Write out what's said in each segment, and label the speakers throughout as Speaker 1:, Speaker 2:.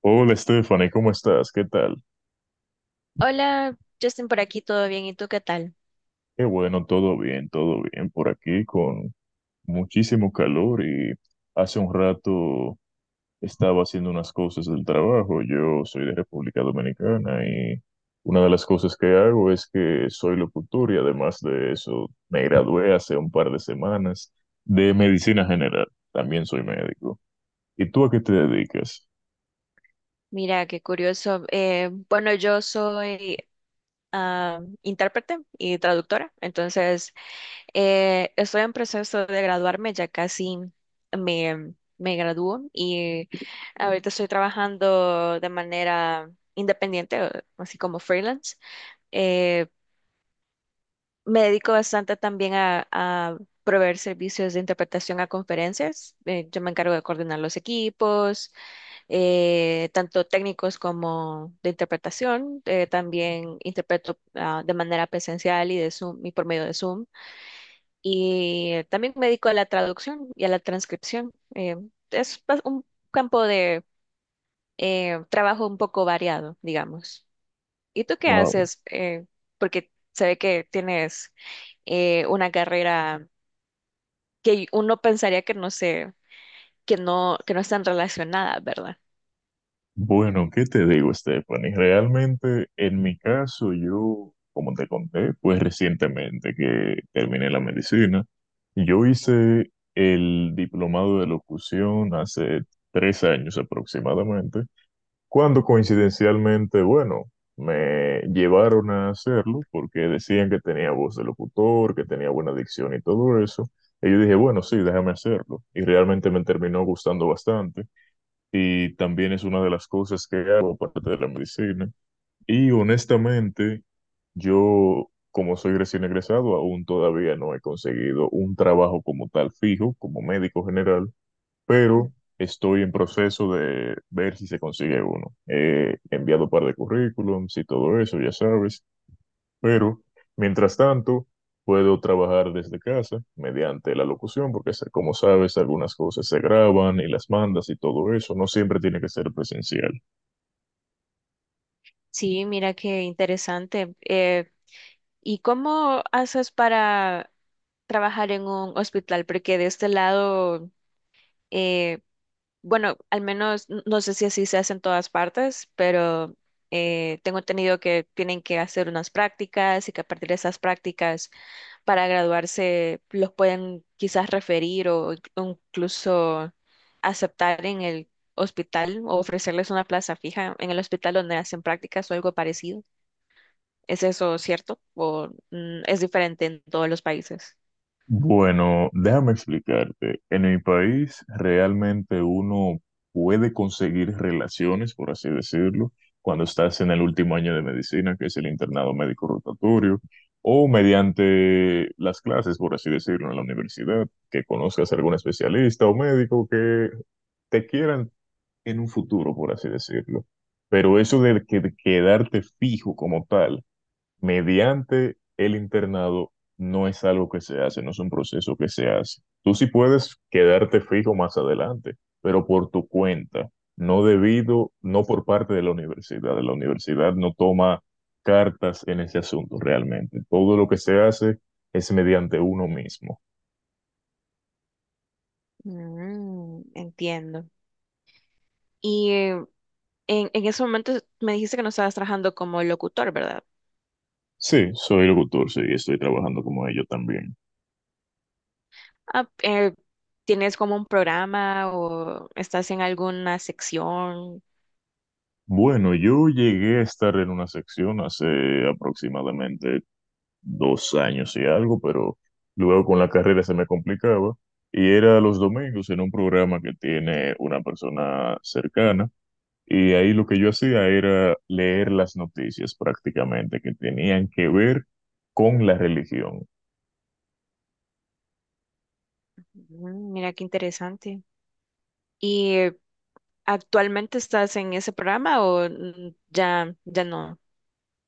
Speaker 1: Hola Stephanie, ¿cómo estás? ¿Qué tal?
Speaker 2: Hola, Justin, por aquí, ¿todo bien? ¿Y tú qué tal?
Speaker 1: Qué bueno, todo bien por aquí con muchísimo calor y hace un rato estaba haciendo unas cosas del trabajo. Yo soy de República Dominicana y una de las cosas que hago es que soy locutor y además de eso me gradué hace un par de semanas de medicina general. También soy médico. ¿Y tú a qué te dedicas?
Speaker 2: Mira, qué curioso. Bueno, yo soy intérprete y traductora. Estoy en proceso de graduarme, ya casi me gradúo, y ahorita estoy trabajando de manera independiente, así como freelance. Eh, Me dedico bastante también a proveer servicios de interpretación a conferencias. Yo me encargo de coordinar los equipos, tanto técnicos como de interpretación. También interpreto de manera presencial y de Zoom, y por medio de Zoom. Y también me dedico a la traducción y a la transcripción. Un campo de trabajo un poco variado, digamos. ¿Y tú qué haces? Porque se ve que tienes una carrera que uno pensaría que no sé, que no están relacionadas, ¿verdad?
Speaker 1: Bueno, ¿qué te digo, Stephanie? Realmente, en mi caso, yo, como te conté, pues recientemente que terminé la medicina, yo hice el diplomado de locución hace 3 años aproximadamente, cuando coincidencialmente, bueno, me llevaron a hacerlo porque decían que tenía voz de locutor, que tenía buena dicción y todo eso. Y yo dije, bueno, sí, déjame hacerlo. Y realmente me terminó gustando bastante y también es una de las cosas que hago aparte de la medicina. Y honestamente, yo, como soy recién egresado, aún todavía no he conseguido un trabajo como tal fijo, como médico general, pero estoy en proceso de ver si se consigue uno. He enviado un par de currículums y todo eso, ya sabes. Pero, mientras tanto, puedo trabajar desde casa mediante la locución, porque como sabes, algunas cosas se graban y las mandas y todo eso. No siempre tiene que ser presencial.
Speaker 2: Sí, mira qué interesante. Y cómo haces para trabajar en un hospital? Porque de este lado, eh, bueno, al menos no sé si así se hace en todas partes, pero tengo entendido que tienen que hacer unas prácticas, y que a partir de esas prácticas para graduarse los pueden quizás referir o o incluso aceptar en el hospital o ofrecerles una plaza fija en el hospital donde hacen prácticas o algo parecido. ¿Es eso cierto? ¿O es diferente en todos los países?
Speaker 1: Bueno, déjame explicarte. En mi país realmente uno puede conseguir relaciones, por así decirlo, cuando estás en el último año de medicina, que es el internado médico rotatorio, o mediante las clases, por así decirlo, en la universidad, que conozcas a algún especialista o médico que te quieran en un futuro, por así decirlo. Pero eso de quedarte fijo como tal mediante el internado no es algo que se hace, no es un proceso que se hace. Tú sí puedes quedarte fijo más adelante, pero por tu cuenta, no debido, no por parte de la universidad. La universidad no toma cartas en ese asunto realmente. Todo lo que se hace es mediante uno mismo.
Speaker 2: Mm, entiendo. Y en ese momento me dijiste que no estabas trabajando como locutor, ¿verdad?
Speaker 1: Sí, soy locutor, sí, y estoy trabajando como ello también.
Speaker 2: Ah, ¿tienes como un programa o estás en alguna sección?
Speaker 1: Bueno, yo llegué a estar en una sección hace aproximadamente 2 años y algo, pero luego con la carrera se me complicaba. Y era los domingos en un programa que tiene una persona cercana. Y ahí lo que yo hacía era leer las noticias prácticamente que tenían que ver con la religión.
Speaker 2: Mm, mira qué interesante. ¿Y eh, Actualmente estás en ese programa o ya no?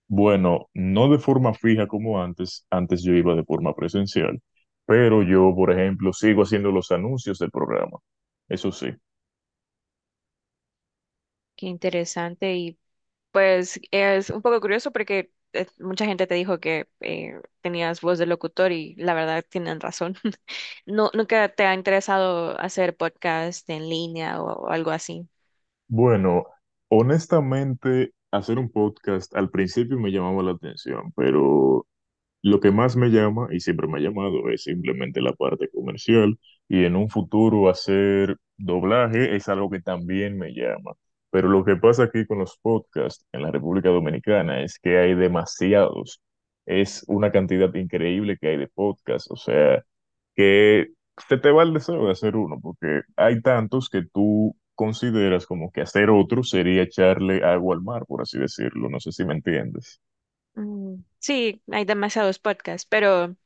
Speaker 1: Bueno, no de forma fija como antes, antes yo iba de forma presencial, pero yo, por ejemplo, sigo haciendo los anuncios del programa. Eso sí.
Speaker 2: Qué interesante. Pues es un poco curioso porque mucha gente te dijo que tenías voz de locutor, y la verdad tienen razón. No, ¿nunca te ha interesado hacer podcast en línea o algo así?
Speaker 1: Bueno, honestamente, hacer un podcast al principio me llamaba la atención, pero lo que más me llama y siempre me ha llamado es simplemente la parte comercial y en un futuro hacer doblaje es algo que también me llama. Pero lo que pasa aquí con los podcasts en la República Dominicana es que hay demasiados. Es una cantidad increíble que hay de podcasts. O sea, que se te va el deseo de hacer uno, porque hay tantos que tú consideras como que hacer otro sería echarle agua al mar, por así decirlo. No sé si me entiendes.
Speaker 2: Mm, sí, hay demasiados podcasts, pero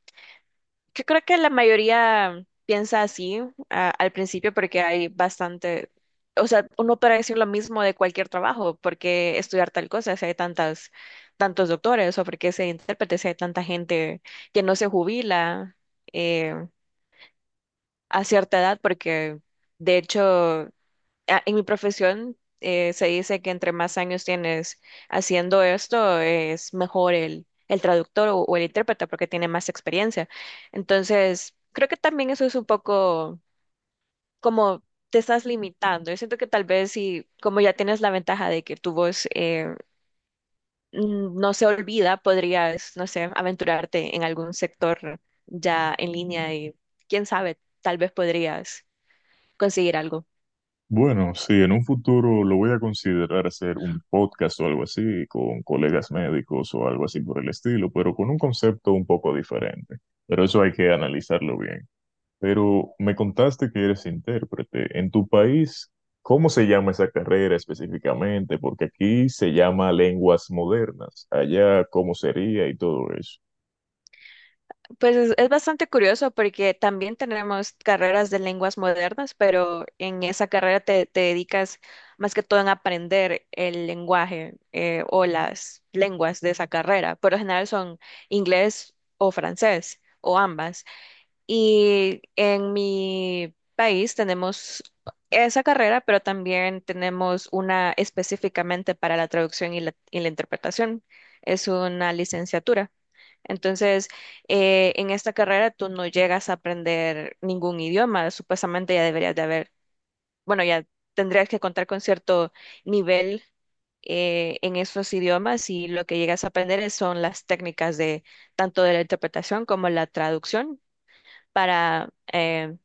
Speaker 2: yo creo que la mayoría piensa así al principio porque hay bastante. O sea, uno puede decir lo mismo de cualquier trabajo, porque estudiar tal cosa si hay tantos doctores, o porque ser intérprete si hay tanta gente que no se jubila eh, a cierta edad. Porque de hecho en mi profesión se dice que entre más años tienes haciendo esto, es mejor el traductor o el intérprete porque tiene más experiencia. Entonces, creo que también eso es un poco como te estás limitando. Yo siento que tal vez si, como ya tienes la ventaja de que tu voz, no se olvida, podrías, no sé, aventurarte en algún sector ya en línea, y quién sabe, tal vez podrías conseguir algo.
Speaker 1: Bueno, sí, en un futuro lo voy a considerar hacer un podcast o algo así, con colegas médicos o algo así por el estilo, pero con un concepto un poco diferente. Pero eso hay que analizarlo bien. Pero me contaste que eres intérprete. En tu país, ¿cómo se llama esa carrera específicamente? Porque aquí se llama lenguas modernas. Allá, ¿cómo sería y todo eso?
Speaker 2: Pues es bastante curioso porque también tenemos carreras de lenguas modernas, pero en esa carrera te dedicas más que todo en aprender el lenguaje, o las lenguas de esa carrera. Por lo general son inglés o francés o ambas. Y en mi país tenemos esa carrera, pero también tenemos una específicamente para la traducción y y la interpretación. Es una licenciatura. Entonces, en esta carrera tú no llegas a aprender ningún idioma, supuestamente ya deberías de haber, bueno, ya tendrías que contar con cierto nivel en esos idiomas, y lo que llegas a aprender son las técnicas de tanto de la interpretación como la traducción para eh,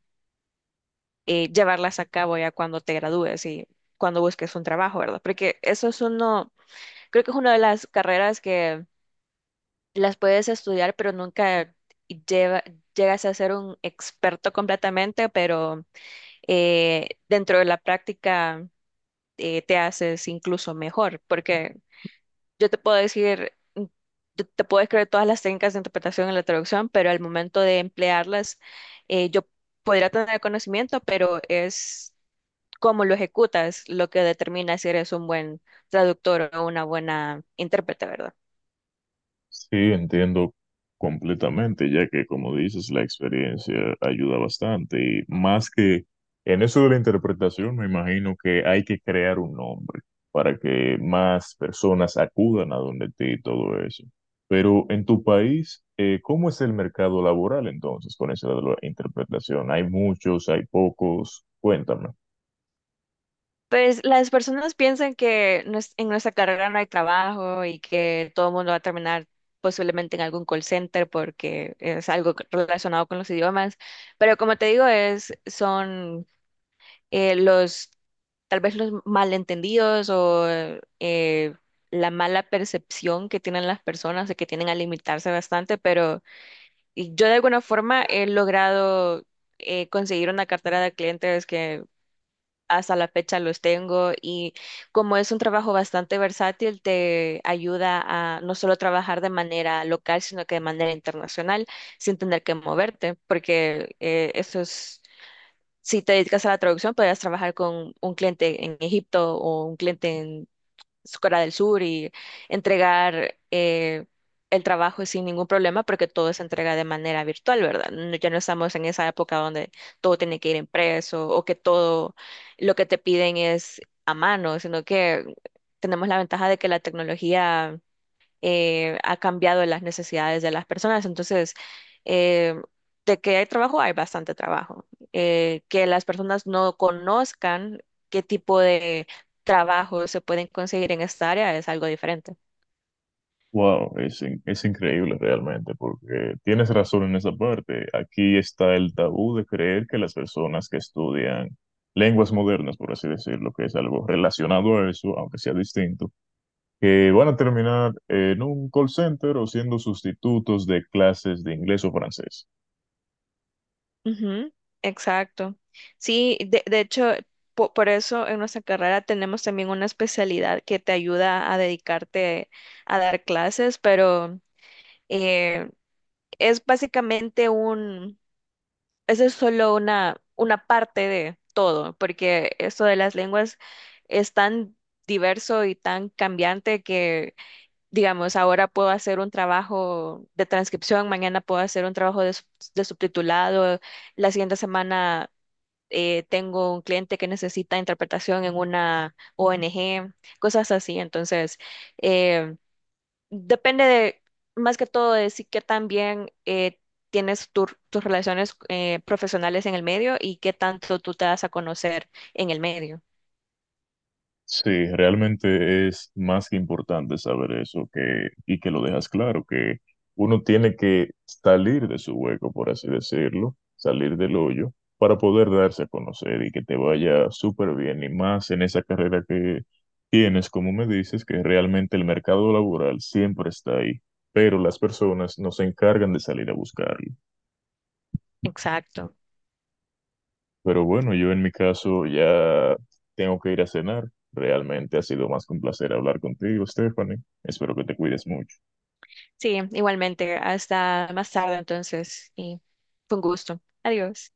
Speaker 2: eh, llevarlas a cabo ya cuando te gradúes y cuando busques un trabajo, ¿verdad? Porque eso es uno, creo que es una de las carreras que las puedes estudiar, pero nunca lleva- llegas a ser un experto completamente, pero dentro de la práctica te haces incluso mejor. Porque yo te puedo decir, mm, yo te puedo escribir todas las técnicas de interpretación en la traducción, pero al momento de emplearlas, yo podría tener conocimiento, pero es cómo lo ejecutas lo que determina si eres un buen traductor o una buena intérprete, ¿verdad?
Speaker 1: Sí, entiendo completamente, ya que como dices, la experiencia ayuda bastante y más que en eso de la interpretación, me imagino que hay que crear un nombre para que más personas acudan a donde ti y todo eso. Pero en tu país, ¿cómo es el mercado laboral entonces con eso de la interpretación? ¿Hay muchos, hay pocos? Cuéntame.
Speaker 2: Pues las personas piensan que en nuestra carrera no hay trabajo, y que todo el mundo va a terminar posiblemente en algún call center porque es algo relacionado con los idiomas. Pero como te digo, son eh, los, tal vez los malentendidos o eh, la mala percepción que tienen las personas, de que tienen a limitarse bastante. Pero y yo de alguna forma he logrado conseguir una cartera de clientes que hasta la fecha los tengo. Y como es un trabajo bastante versátil, te ayuda a no solo trabajar de manera local, sino que de manera internacional, sin tener que moverte. Porque eso es, si te dedicas a la traducción, podrías trabajar con un cliente en Egipto o un cliente en Corea del Sur, y entregar el trabajo sin ningún problema, porque todo se entrega de manera virtual, ¿verdad? No, ya no estamos en esa época donde todo tiene que ir impreso, o que todo lo que te piden es a mano, sino que tenemos la ventaja de que la tecnología ha cambiado las necesidades de las personas. Entonces, eh, de que hay trabajo, hay bastante trabajo. Que las personas no conozcan qué tipo de trabajo se pueden conseguir en esta área es algo diferente.
Speaker 1: Wow, es, es increíble realmente, porque tienes razón en esa parte. Aquí está el tabú de creer que las personas que estudian lenguas modernas, por así decirlo, que es algo relacionado a eso, aunque sea distinto, que van a terminar en un call center o siendo sustitutos de clases de inglés o francés.
Speaker 2: Ujú, exacto. Sí, de hecho, por eso en nuestra carrera tenemos también una especialidad que te ayuda a dedicarte a dar clases. Pero eh, es básicamente un, eso es solo una parte de todo, porque esto de las lenguas es tan diverso y tan cambiante que, digamos, ahora puedo hacer un trabajo de transcripción, mañana puedo hacer un trabajo de, de subtitulado, la siguiente semana tengo un cliente que necesita interpretación en una ONG, cosas así. Entonces, eh, depende de, más que todo, de si qué tan bien tienes tus relaciones profesionales en el medio, y qué tanto tú te das a conocer en el medio.
Speaker 1: Sí, realmente es más que importante saber eso que, y que lo dejas claro, que uno tiene que salir de su hueco, por así decirlo, salir del hoyo, para poder darse a conocer y que te vaya súper bien, y más en esa carrera que tienes, como me dices, que realmente el mercado laboral siempre está ahí, pero las personas no se encargan de salir a buscarlo.
Speaker 2: Exacto.
Speaker 1: Pero bueno, yo en mi caso ya tengo que ir a cenar. Realmente ha sido más que un placer hablar contigo, Stephanie. Espero que te cuides mucho.
Speaker 2: Sí, igualmente. Hasta más tarde entonces. Y fue un gusto. Adiós.